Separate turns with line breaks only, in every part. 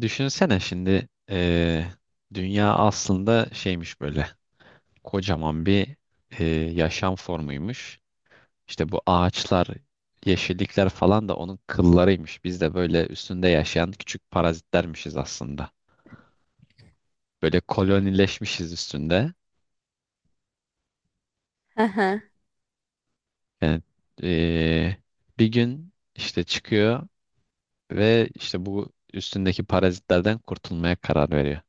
Düşünsene şimdi dünya aslında şeymiş böyle kocaman bir eee, yaşam formuymuş. İşte bu ağaçlar, yeşillikler falan da onun kıllarıymış. Biz de böyle üstünde yaşayan küçük parazitlermişiz aslında. Böyle kolonileşmişiz üstünde.
Hı hı.
Yani eee, bir gün işte çıkıyor ve işte bu üstündeki parazitlerden kurtulmaya karar veriyor.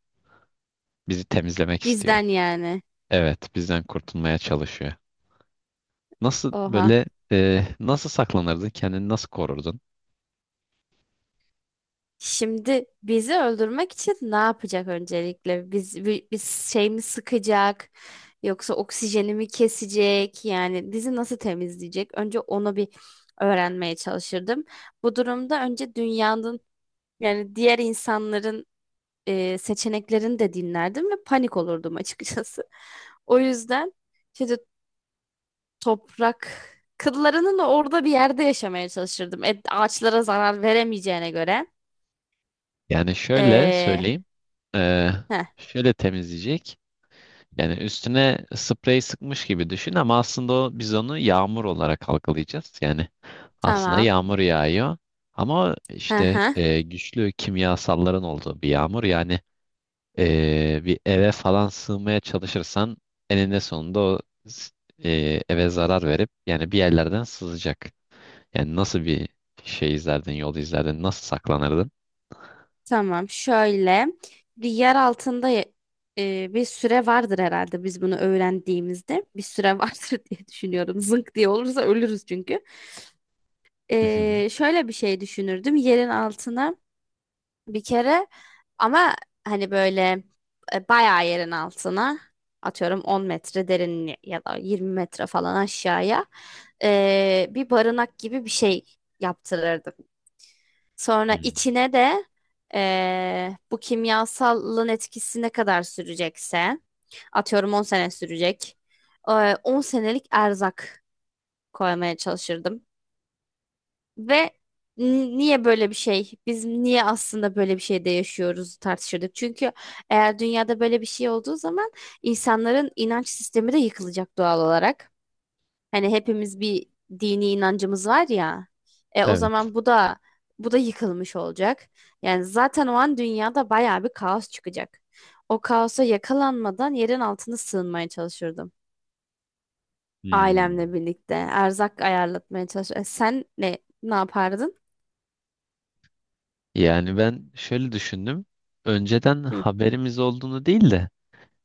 Bizi temizlemek istiyor.
Bizden yani.
Evet, bizden kurtulmaya çalışıyor. Nasıl
Oha.
nasıl saklanırdın? Kendini nasıl korurdun?
Şimdi bizi öldürmek için ne yapacak öncelikle? Biz şey mi sıkacak? Yoksa oksijenimi kesecek? Yani bizi nasıl temizleyecek? Önce onu bir öğrenmeye çalışırdım. Bu durumda önce dünyanın yani diğer insanların seçeneklerini de dinlerdim ve panik olurdum açıkçası. O yüzden şimdi toprak kıllarının orada bir yerde yaşamaya çalışırdım. Ağaçlara zarar veremeyeceğine göre.
Yani şöyle
Ee,
söyleyeyim. e,
heh,
Şöyle temizleyecek. Yani üstüne sprey sıkmış gibi düşün, ama aslında o, biz onu yağmur olarak algılayacağız. Yani aslında
tamam.
yağmur yağıyor. Ama
Hı
işte
hı.
güçlü kimyasalların olduğu bir yağmur. Yani bir eve falan sığmaya çalışırsan eninde sonunda o s- eve zarar verip yani bir yerlerden sızacak. Yani nasıl bir şey izlerdin, yol izlerdin, nasıl saklanırdın?
Tamam. Şöyle bir yer altında bir süre vardır herhalde biz bunu öğrendiğimizde. Bir süre vardır diye düşünüyorum. Zınk diye olursa ölürüz çünkü.
Hı hı.
Şöyle bir şey düşünürdüm. Yerin altına bir kere ama hani böyle bayağı yerin altına, atıyorum 10 metre derin ya da 20 metre falan aşağıya, bir barınak gibi bir şey yaptırırdım. Sonra
Hmm.
içine de bu kimyasalın etkisi ne kadar sürecekse, atıyorum 10 sene sürecek, 10 senelik erzak koymaya çalışırdım. Ve niye böyle bir şey? Biz niye aslında böyle bir şeyde yaşıyoruz tartışıyorduk. Çünkü eğer dünyada böyle bir şey olduğu zaman insanların inanç sistemi de yıkılacak doğal olarak. Hani hepimiz bir dini inancımız var ya. O
Evet.
zaman bu da yıkılmış olacak. Yani zaten o an dünyada bayağı bir kaos çıkacak. O kaosa yakalanmadan yerin altına sığınmaya çalışırdım.
Hmm.
Ailemle birlikte erzak ayarlatmaya çalışırdım. Sen ne yapardın?
Yani ben şöyle düşündüm. Önceden
Hı.
haberimiz olduğunu değil de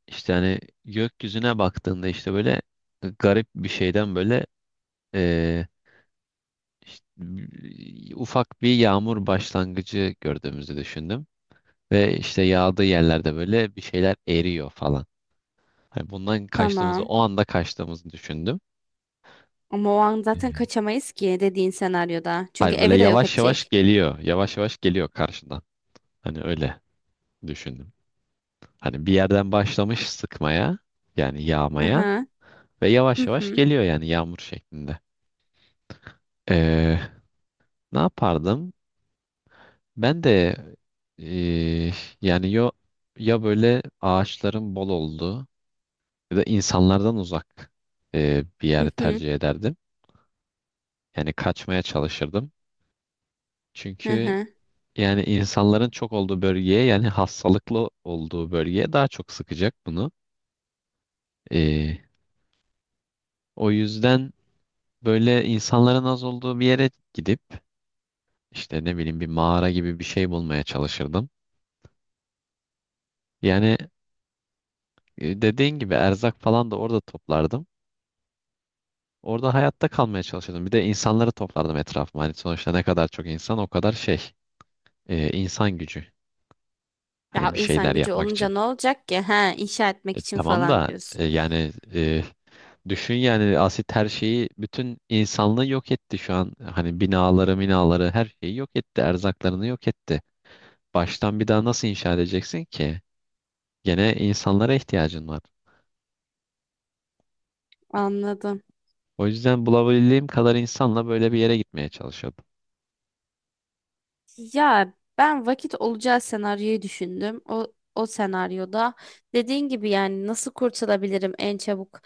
işte hani gökyüzüne baktığında işte böyle garip bir şeyden böyle eee, işte ufak bir yağmur başlangıcı gördüğümüzü düşündüm. Ve işte yağdığı yerlerde böyle bir şeyler eriyor falan. Hani bundan kaçtığımızı,
Tamam.
o anda kaçtığımızı düşündüm.
Ama o an zaten kaçamayız ki dediğin senaryoda. Çünkü
Hayır, böyle
evi de yok
yavaş yavaş
edecek.
geliyor. Yavaş yavaş geliyor karşından. Hani öyle düşündüm. Hani bir yerden başlamış sıkmaya, yani
Hı
yağmaya,
hı.
ve yavaş
Hı
yavaş
hı.
geliyor, yani yağmur şeklinde. Ee, Ne yapardım? Ben de ee, yani yo, ya böyle ağaçların bol olduğu ya da insanlardan uzak bir
Hı
yeri
hı.
tercih ederdim. Yani kaçmaya çalışırdım.
Hı
Çünkü
hı.
yani insanların çok olduğu bölgeye, yani hastalıklı olduğu bölgeye daha çok sıkacak bunu. Ee, O yüzden böyle insanların az olduğu bir yere gidip işte ne bileyim bir mağara gibi bir şey bulmaya çalışırdım. Yani dediğin gibi erzak falan da orada toplardım. Orada hayatta kalmaya çalışırdım. Bir de insanları toplardım etrafıma. Hani sonuçta ne kadar çok insan o kadar insan gücü.
Ya
Hani bir
insan
şeyler
gücü
yapmak
olunca
için.
ne olacak ki? Ha, inşa etmek
E,
için
tamam
falan
da e,
diyorsun.
yani e, düşün, yani asit her şeyi, bütün insanlığı yok etti şu an. Hani binaları, minaları her şeyi yok etti. Erzaklarını yok etti. Baştan bir daha nasıl inşa edeceksin ki? Gene insanlara ihtiyacın var.
Anladım.
O yüzden bulabildiğim kadar insanla böyle bir yere gitmeye çalışıyordum.
Ya ben vakit olacağı senaryoyu düşündüm. O senaryoda dediğin gibi yani nasıl kurtulabilirim en çabuk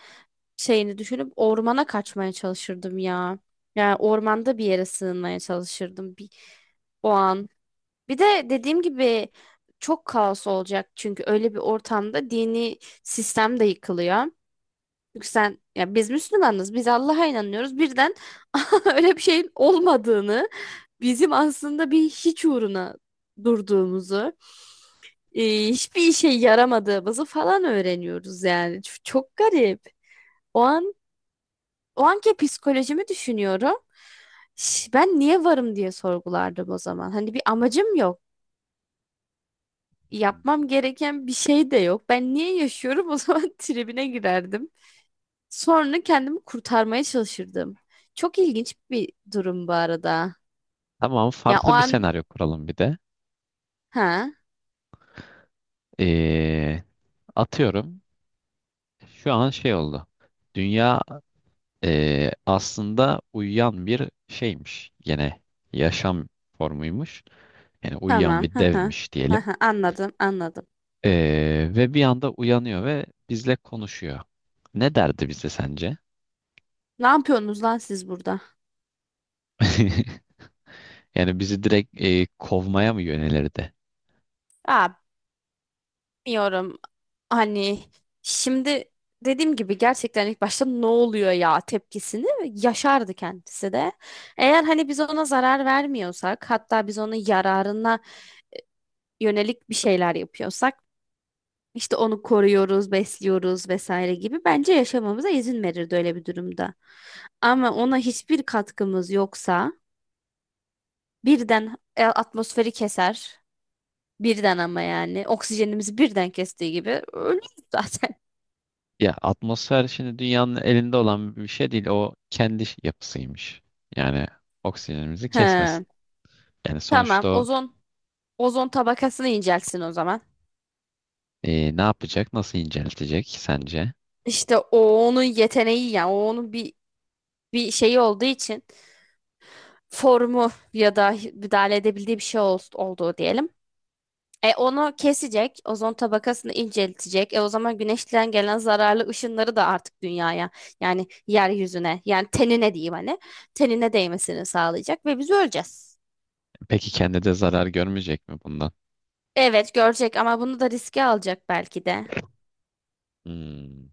şeyini düşünüp ormana kaçmaya çalışırdım ya. Yani ormanda bir yere sığınmaya çalışırdım bir o an. Bir de dediğim gibi çok kaos olacak çünkü öyle bir ortamda dini sistem de yıkılıyor. Çünkü sen, ya biz Müslümanız, biz Allah'a inanıyoruz. Birden öyle bir şeyin olmadığını, bizim aslında bir hiç uğruna durduğumuzu, hiçbir işe yaramadığımızı falan öğreniyoruz yani. Çok garip. O an, o anki psikolojimi düşünüyorum. Ben niye varım diye sorgulardım o zaman. Hani bir amacım yok. Yapmam gereken bir şey de yok. Ben niye yaşıyorum o zaman tribine girerdim. Sonra kendimi kurtarmaya çalışırdım. Çok ilginç bir durum bu arada.
Tamam,
Ya o
farklı bir
an,
senaryo kuralım bir de.
ha.
Ee, Atıyorum. Şu an şey oldu. Dünya aslında uyuyan bir şeymiş. Gene yaşam formuymuş. Yani uyuyan
Tamam.
bir
Hı hı.
devmiş
Hı
diyelim.
hı. Anladım, anladım.
Ve bir anda uyanıyor ve bizle konuşuyor. Ne derdi bize sence?
Ne yapıyorsunuz lan siz burada?
Yani bizi direkt kovmaya mı yönelirdi?
Aa, bilmiyorum. Hani şimdi dediğim gibi gerçekten ilk başta "ne oluyor ya" tepkisini yaşardı kendisi de. Eğer hani biz ona zarar vermiyorsak, hatta biz onun yararına yönelik bir şeyler yapıyorsak, işte onu koruyoruz, besliyoruz vesaire gibi, bence yaşamamıza izin verirdi öyle bir durumda. Ama ona hiçbir katkımız yoksa birden atmosferi keser. Birden, ama yani oksijenimizi birden kestiği gibi ölürüz zaten.
Ya atmosfer şimdi dünyanın elinde olan bir şey değil. O kendi yapısıymış. Yani oksijenimizi kesmesin.
He.
Yani
Tamam.
sonuçta o
Ozon tabakasını incelsin o zaman.
e, ne yapacak? Nasıl inceltecek sence?
İşte o, onun yeteneği, yani o onun bir şeyi olduğu için, formu ya da müdahale edebildiği bir şey olduğu diyelim. Onu kesecek, ozon tabakasını inceltecek. O zaman güneşten gelen zararlı ışınları da artık dünyaya, yani yeryüzüne, yani tenine diyeyim hani, tenine değmesini sağlayacak ve biz öleceğiz.
Peki kendi de zarar görmeyecek mi bundan?
Evet, görecek ama bunu da riske alacak belki de.
Hmm.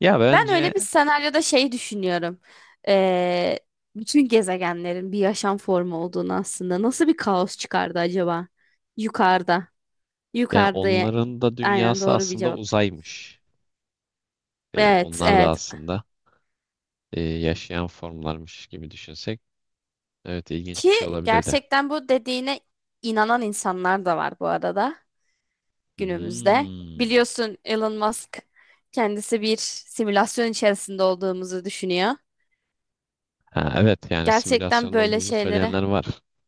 Ya
Ben
bence
öyle bir senaryoda şey düşünüyorum. Ee, bütün gezegenlerin bir yaşam formu olduğunu aslında. Nasıl bir kaos çıkardı acaba? Yukarıda.
yani
Yukarıda.
onların da
Aynen,
dünyası
doğru bir
aslında
cevap.
uzaymış. E,
Evet,
onlar da
evet.
aslında yaşayan formlarmış gibi düşünsek. Evet, ilginç bir
Ki
şey olabilir de.
gerçekten bu dediğine inanan insanlar da var bu arada günümüzde.
Hmm.
Biliyorsun Elon Musk kendisi bir simülasyon içerisinde olduğumuzu düşünüyor.
Ha, evet, yani
Gerçekten
simülasyonda
böyle
olduğumuzu
şeylere.
söyleyenler var.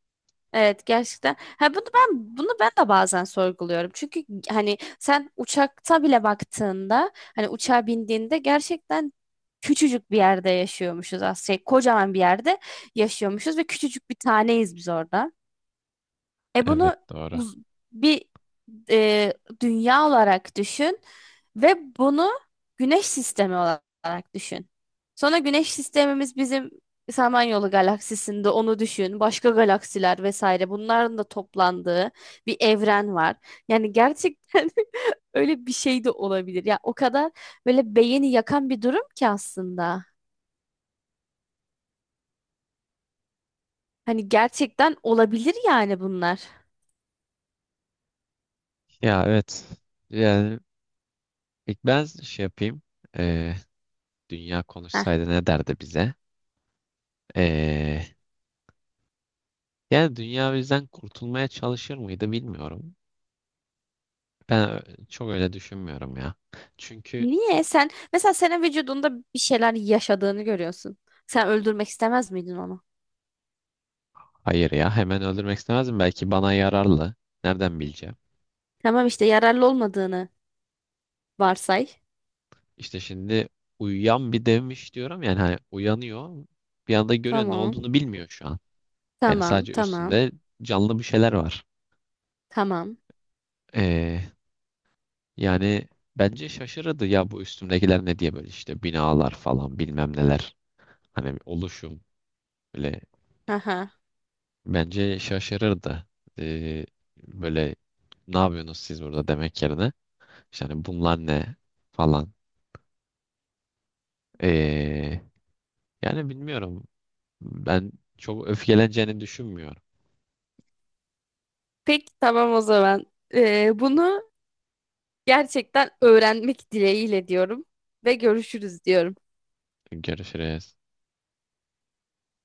Evet, gerçekten. Ha, bunu ben de bazen sorguluyorum. Çünkü hani sen uçakta bile baktığında, hani uçağa bindiğinde gerçekten küçücük bir yerde yaşıyormuşuz aslında. Şey, kocaman bir yerde yaşıyormuşuz ve küçücük bir taneyiz biz orada. E
Evet,
bunu
doğru.
uz- bir e, dünya olarak düşün ve bunu güneş sistemi olarak düşün. Sonra güneş sistemimiz bizim, Samanyolu galaksisinde, onu düşün. Başka galaksiler vesaire, bunların da toplandığı bir evren var. Yani gerçekten öyle bir şey de olabilir. Ya o kadar böyle beyni yakan bir durum ki aslında. Hani gerçekten olabilir yani bunlar.
Ya evet. Yani ilk ben şey yapayım. E, dünya
Heh.
konuşsaydı ne derdi bize? E, yani dünya bizden kurtulmaya çalışır mıydı bilmiyorum. Ben çok öyle düşünmüyorum ya. Çünkü
Niye? Sen mesela senin vücudunda bir şeyler yaşadığını görüyorsun. Sen öldürmek istemez miydin onu?
hayır ya, hemen öldürmek istemezdim. Belki bana yararlı. Nereden bileceğim?
Tamam, işte yararlı olmadığını varsay.
İşte şimdi uyuyan bir devmiş diyorum. Yani hani uyanıyor. Bir anda görüyor, ne
Tamam.
olduğunu bilmiyor şu an. Yani
Tamam.
sadece
Tamam.
üstünde canlı bir şeyler var.
Tamam.
Ee, yani Bence şaşırırdı ya, bu üstümdekiler ne diye, böyle işte binalar falan bilmem neler. Hani oluşum böyle
Haha.
bence şaşırırdı. Ee, Böyle ne yapıyorsunuz siz burada demek yerine, İşte hani bunlar ne falan. Ee, Yani bilmiyorum. Ben çok öfkeleneceğini düşünmüyorum.
Peki tamam o zaman. Bunu gerçekten öğrenmek dileğiyle diyorum ve görüşürüz diyorum.
Görüşürüz.